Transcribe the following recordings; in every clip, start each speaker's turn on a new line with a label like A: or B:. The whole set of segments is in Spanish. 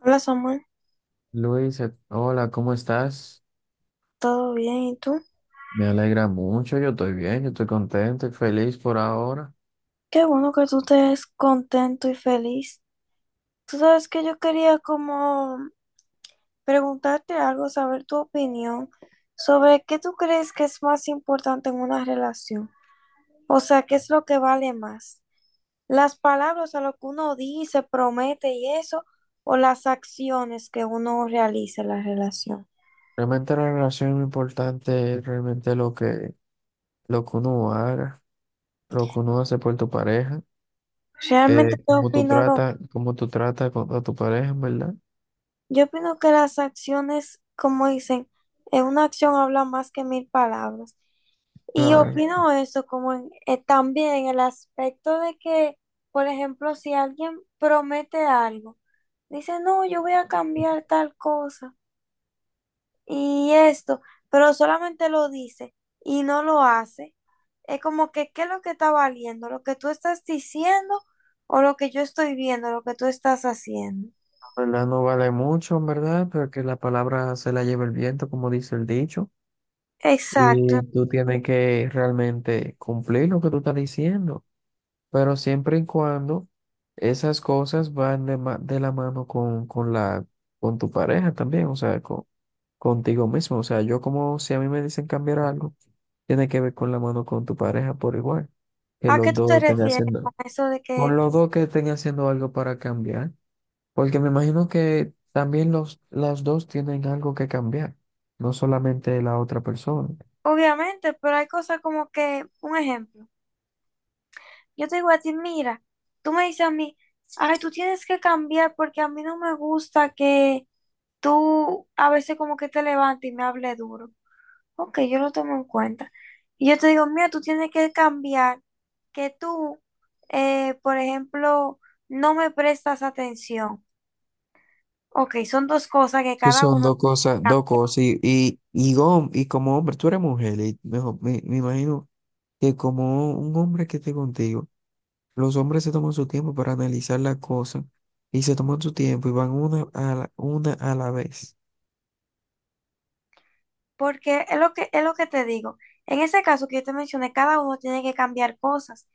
A: Hola Samuel,
B: Luisa, hola, ¿cómo estás?
A: ¿todo bien? ¿Y tú?
B: Me alegra mucho, yo estoy bien, yo estoy contento y feliz por ahora.
A: Qué bueno que tú estés contento y feliz. Tú sabes que yo quería como preguntarte algo, saber tu opinión sobre qué tú crees que es más importante en una relación. O sea, ¿qué es lo que vale más? ¿Las palabras a lo que uno dice, promete y eso, o las acciones que uno realiza en la relación?
B: Realmente la relación es importante, es realmente lo que uno haga, lo que uno hace por tu pareja,
A: Realmente yo
B: cómo tú
A: opino lo,
B: tratas, a tu pareja, ¿en verdad?
A: yo opino que las acciones, como dicen, en una acción habla más que mil palabras. Y
B: Claro,
A: opino eso, como también el aspecto de que, por ejemplo, si alguien promete algo, dice, no, yo voy a cambiar tal cosa y esto, pero solamente lo dice y no lo hace, es como que, ¿qué es lo que está valiendo? ¿Lo que tú estás diciendo o lo que yo estoy viendo, lo que tú estás haciendo?
B: la verdad no vale mucho, ¿en verdad? Pero que la palabra se la lleva el viento, como dice el dicho,
A: Exacto.
B: y tú tienes que realmente cumplir lo que tú estás diciendo, pero siempre y cuando esas cosas van de la mano con tu pareja también, o sea, contigo mismo. O sea, yo, como si a mí me dicen cambiar algo, tiene que ver con la mano con tu pareja por igual, que
A: ¿A qué
B: los
A: tú
B: dos
A: te
B: estén
A: refieres
B: haciendo,
A: con eso de
B: con
A: que,
B: los dos que estén haciendo algo para cambiar, porque me imagino que también las dos tienen algo que cambiar, no solamente la otra persona.
A: obviamente, pero hay cosas como que, un ejemplo? Yo te digo a ti, mira, tú me dices a mí, ay, tú tienes que cambiar porque a mí no me gusta que tú a veces como que te levantes y me hable duro. Ok, yo lo tomo en cuenta. Y yo te digo, mira, tú tienes que cambiar que por ejemplo, no me prestas atención. Ok, son dos cosas que
B: Sí,
A: cada
B: son
A: uno.
B: dos cosas, dos cosas. Y como hombre, tú eres mujer, y mejor, me imagino que como un hombre que esté contigo, los hombres se toman su tiempo para analizar las cosas y se toman su tiempo y van una a la vez.
A: Porque es lo que te digo. En ese caso que yo te mencioné, cada uno tiene que cambiar cosas.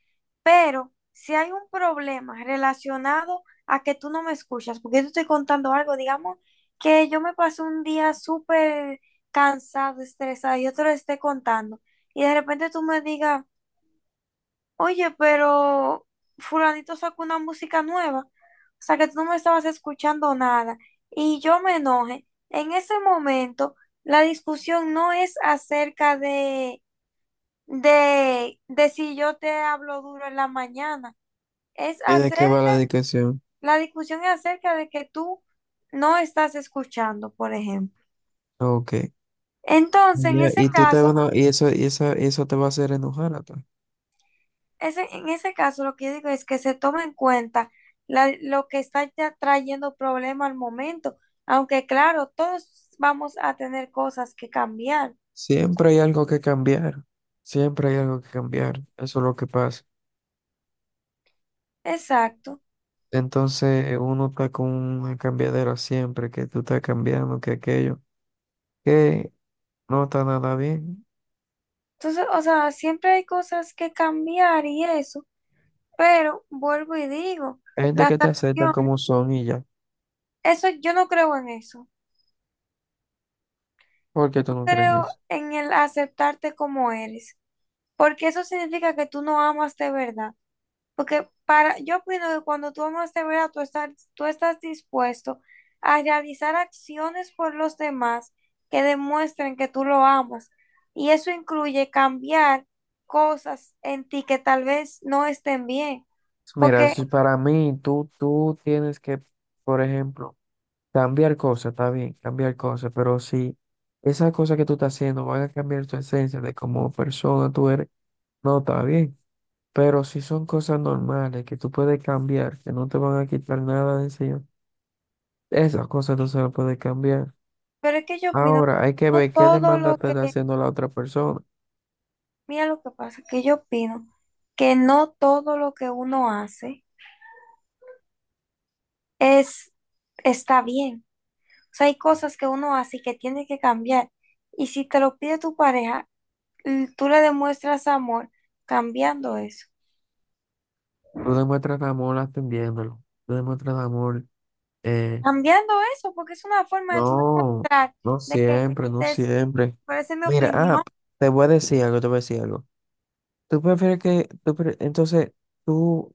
A: Pero si hay un problema relacionado a que tú no me escuchas, porque yo te estoy contando algo, digamos que yo me pasé un día súper cansado, estresado, yo te lo estoy contando, y de repente tú me digas, oye, pero fulanito sacó una música nueva, o sea que tú no me estabas escuchando nada y yo me enojé. En ese momento, la discusión no es acerca de si yo te hablo duro en la mañana, es
B: ¿Y de qué va
A: acerca,
B: la dedicación?
A: la discusión es acerca de que tú no estás escuchando, por ejemplo.
B: Ok.
A: Entonces, en
B: Ya,
A: ese
B: y tú te van
A: caso,
B: a- y eso, eso te va a hacer enojar a ti.
A: en ese caso, lo que yo digo es que se toma en cuenta lo que está ya trayendo problema al momento, aunque claro, todos vamos a tener cosas que cambiar.
B: Siempre hay algo que cambiar. Siempre hay algo que cambiar. Eso es lo que pasa.
A: Exacto.
B: Entonces uno está con un cambiadero siempre, que tú estás cambiando, que aquello, que no está nada bien.
A: Entonces, o sea, siempre hay cosas que cambiar y eso, pero vuelvo y digo,
B: Hay gente
A: las
B: que te aceptan
A: acciones,
B: como son y ya.
A: eso yo no creo en eso.
B: ¿Por qué
A: No
B: tú no crees en
A: creo
B: eso?
A: en el aceptarte como eres, porque eso significa que tú no amas de verdad. Porque para, yo opino que cuando tú amas de verdad, tú estás dispuesto a realizar acciones por los demás que demuestren que tú lo amas. Y eso incluye cambiar cosas en ti que tal vez no estén bien.
B: Mira,
A: Porque,
B: si para mí tú tienes que, por ejemplo, cambiar cosas, está bien, cambiar cosas, pero si esas cosas que tú estás haciendo van a cambiar tu esencia de como persona tú eres, no está bien. Pero si son cosas normales que tú puedes cambiar, que no te van a quitar nada de encima, esas cosas tú se las puedes cambiar.
A: pero es que yo opino,
B: Ahora hay que
A: no
B: ver qué
A: todo lo
B: demanda te está
A: que,
B: haciendo la otra persona.
A: mira lo que pasa, que yo opino que no todo lo que uno hace es, está bien. O sea, hay cosas que uno hace y que tiene que cambiar. Y si te lo pide tu pareja, tú le demuestras amor cambiando eso.
B: Tú demuestras amor atendiéndolo. Tú demuestras amor. eh,
A: Cambiando eso, porque es una forma de tú
B: no,
A: demostrar
B: no
A: de que
B: siempre, no
A: te es-
B: siempre.
A: pero esa es mi
B: Mira,
A: opinión.
B: te voy a decir algo, te voy a decir algo. Tú prefieres que, tú pre- Entonces, tú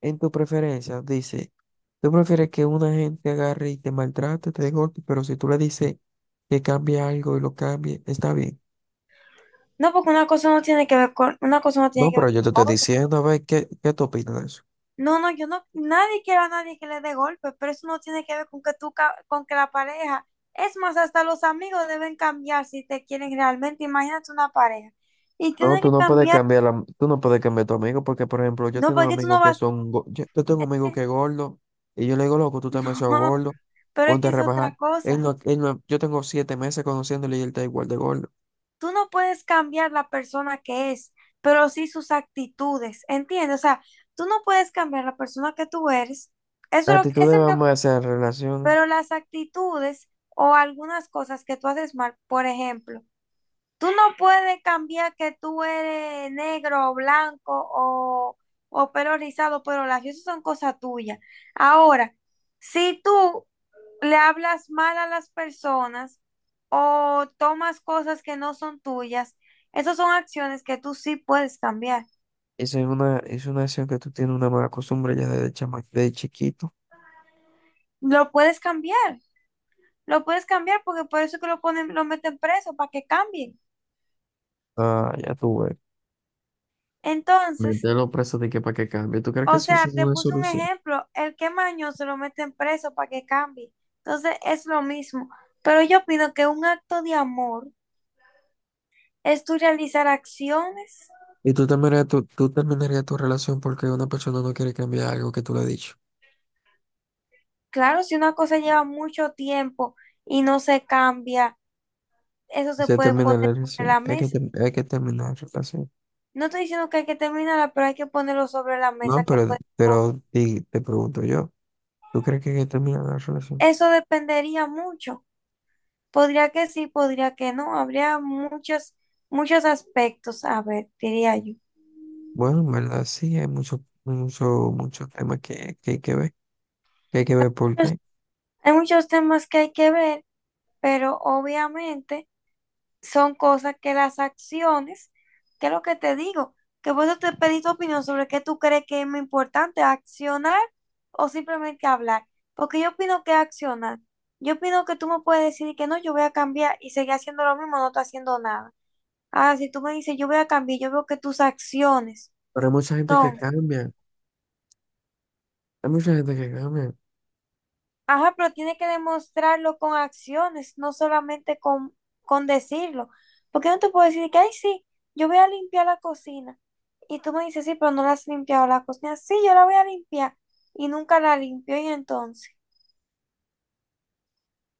B: en tu preferencia dice, tú prefieres que una gente agarre y te maltrate, te dé golpe, pero si tú le dices que cambie algo y lo cambie, está bien.
A: No, porque una cosa no tiene
B: No,
A: que
B: pero
A: ver
B: yo te estoy
A: con la otra.
B: diciendo, a ver, ¿qué tú opinas de eso?
A: No, no, yo no, nadie quiere a nadie que le dé golpes, pero eso no tiene que ver con que con que la pareja, es más, hasta los amigos deben cambiar si te quieren realmente. Imagínate una pareja y
B: No,
A: tiene que cambiar.
B: tú no puedes cambiar a tu amigo porque, por ejemplo, yo
A: No,
B: tengo
A: porque tú
B: amigos
A: no
B: que
A: vas,
B: yo tengo
A: es
B: un amigo
A: que,
B: que es gordo y yo le digo, loco, tú estás demasiado gordo,
A: pero es
B: ponte a
A: que es
B: rebajar.
A: otra cosa.
B: Él no- Yo tengo 7 meses conociéndole y él está igual de gordo.
A: Tú no puedes cambiar la persona que es, pero sí sus actitudes, ¿entiendes? O sea, tú no puedes cambiar la persona que tú eres, eso es lo que,
B: Actitudes
A: esa es mi
B: van más a relaciones.
A: pero las actitudes o algunas cosas que tú haces mal, por ejemplo, tú no puedes cambiar que tú eres negro o blanco o pelo rizado, pero las cosas son cosas tuyas. Ahora, si tú le hablas mal a las personas o tomas cosas que no son tuyas, esas son acciones que tú sí puedes cambiar.
B: Eso es una acción que tú tienes una mala costumbre ya desde chama, de chiquito.
A: Lo puedes cambiar, lo puedes cambiar porque por eso es que lo ponen, lo meten preso, para que cambien.
B: Ah, ya tú ves.
A: Entonces,
B: Meterlo preso de que para que cambie. ¿Tú crees que
A: o
B: eso es
A: sea, te
B: una
A: puse un
B: solución?
A: ejemplo, el que es mañoso lo meten preso para que cambie. Entonces, es lo mismo. Pero yo opino que un acto de amor es tú realizar acciones.
B: Y tú terminarías tu relación porque una persona no quiere cambiar algo que tú le has dicho.
A: Claro, si una cosa lleva mucho tiempo y no se cambia, eso se
B: Se
A: puede
B: termina
A: poner
B: la
A: sobre
B: relación.
A: la mesa.
B: Hay que terminar la relación.
A: No estoy diciendo que hay que terminarla, pero hay que ponerlo sobre la
B: No,
A: mesa, que
B: te pregunto yo, ¿tú crees que hay que terminar la relación?
A: eso dependería mucho. Podría que sí, podría que no. Habría muchos, muchos aspectos, a ver, diría yo.
B: Bueno, en verdad sí, hay muchos temas que hay que ver, que hay que ver por
A: Pues,
B: qué.
A: hay muchos temas que hay que ver, pero obviamente... son cosas que las acciones, que es lo que te digo, que por eso te pedí tu opinión sobre qué tú crees que es más importante, accionar o simplemente hablar. Porque yo opino que accionar. Yo opino que tú me puedes decir que no, yo voy a cambiar y seguir haciendo lo mismo, no estoy haciendo nada. Ahora, si tú me dices, yo voy a cambiar, yo veo que tus acciones
B: Pero hay mucha gente que
A: son.
B: cambia, hay mucha gente que cambia.
A: Ajá, pero tiene que demostrarlo con acciones, no solamente con decirlo. Porque no te puedo decir que, ay, sí, yo voy a limpiar la cocina. Y tú me dices, sí, pero no la has limpiado la cocina. Sí, yo la voy a limpiar. Y nunca la limpio. Y entonces,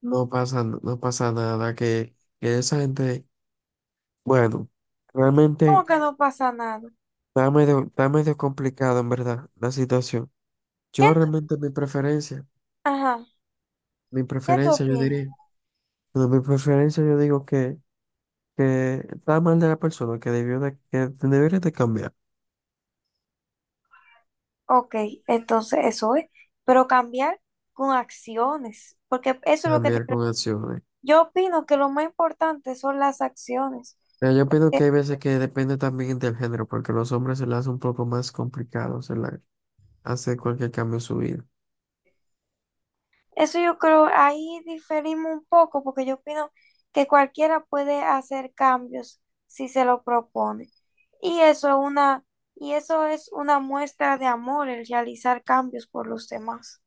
B: No pasa nada, que esa gente, bueno, realmente
A: ¿cómo que no pasa nada?
B: está medio complicado en verdad la situación.
A: ¿Qué
B: Yo realmente
A: ajá,
B: mi
A: qué tú
B: preferencia yo
A: opinas?
B: diría, no, mi preferencia yo digo que está mal de la persona, que debería de cambiar,
A: Ok, entonces eso es. Pero cambiar con acciones. Porque eso es lo que te...
B: cambiar con acciones.
A: Yo opino que lo más importante son las acciones.
B: Pero yo opino que hay veces que depende también del género, porque los hombres se les hace un poco más complicado hacer cualquier cambio en su vida.
A: Eso yo creo, ahí diferimos un poco porque yo opino que cualquiera puede hacer cambios si se lo propone. Y eso es una, y eso es una muestra de amor, el realizar cambios por los demás.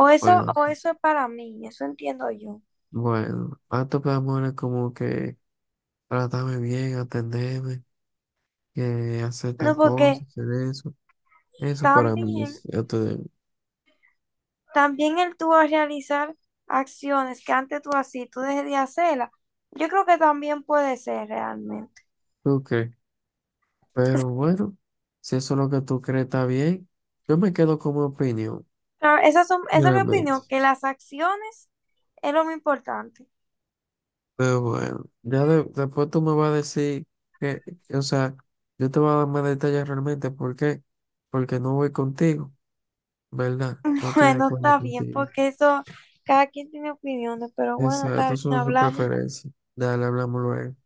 B: Bueno,
A: O eso es para mí, eso entiendo yo.
B: bueno, acto de amor es como que tratarme bien, atenderme, que hacer
A: No,
B: tal cosa,
A: porque
B: hacer eso. Eso para mí
A: también,
B: es acto de amor.
A: también el tú a realizar acciones que antes tú hacías, tú dejé de hacerlas. Yo creo que también puede ser realmente.
B: ¿Tú crees? Pero bueno, si eso es lo que tú crees está bien, yo me quedo con mi opinión,
A: Esa es mi opinión,
B: realmente.
A: que las acciones es lo más importante.
B: Pero bueno, después tú me vas a decir que, o sea, yo te voy a dar más detalles realmente. ¿Por qué? Porque no voy contigo, ¿verdad? No estoy de
A: Bueno,
B: acuerdo
A: está bien,
B: contigo.
A: porque eso, cada quien tiene opiniones, pero bueno, está
B: Exacto,
A: bien,
B: son sus
A: hablamos.
B: preferencias. Dale, hablamos luego.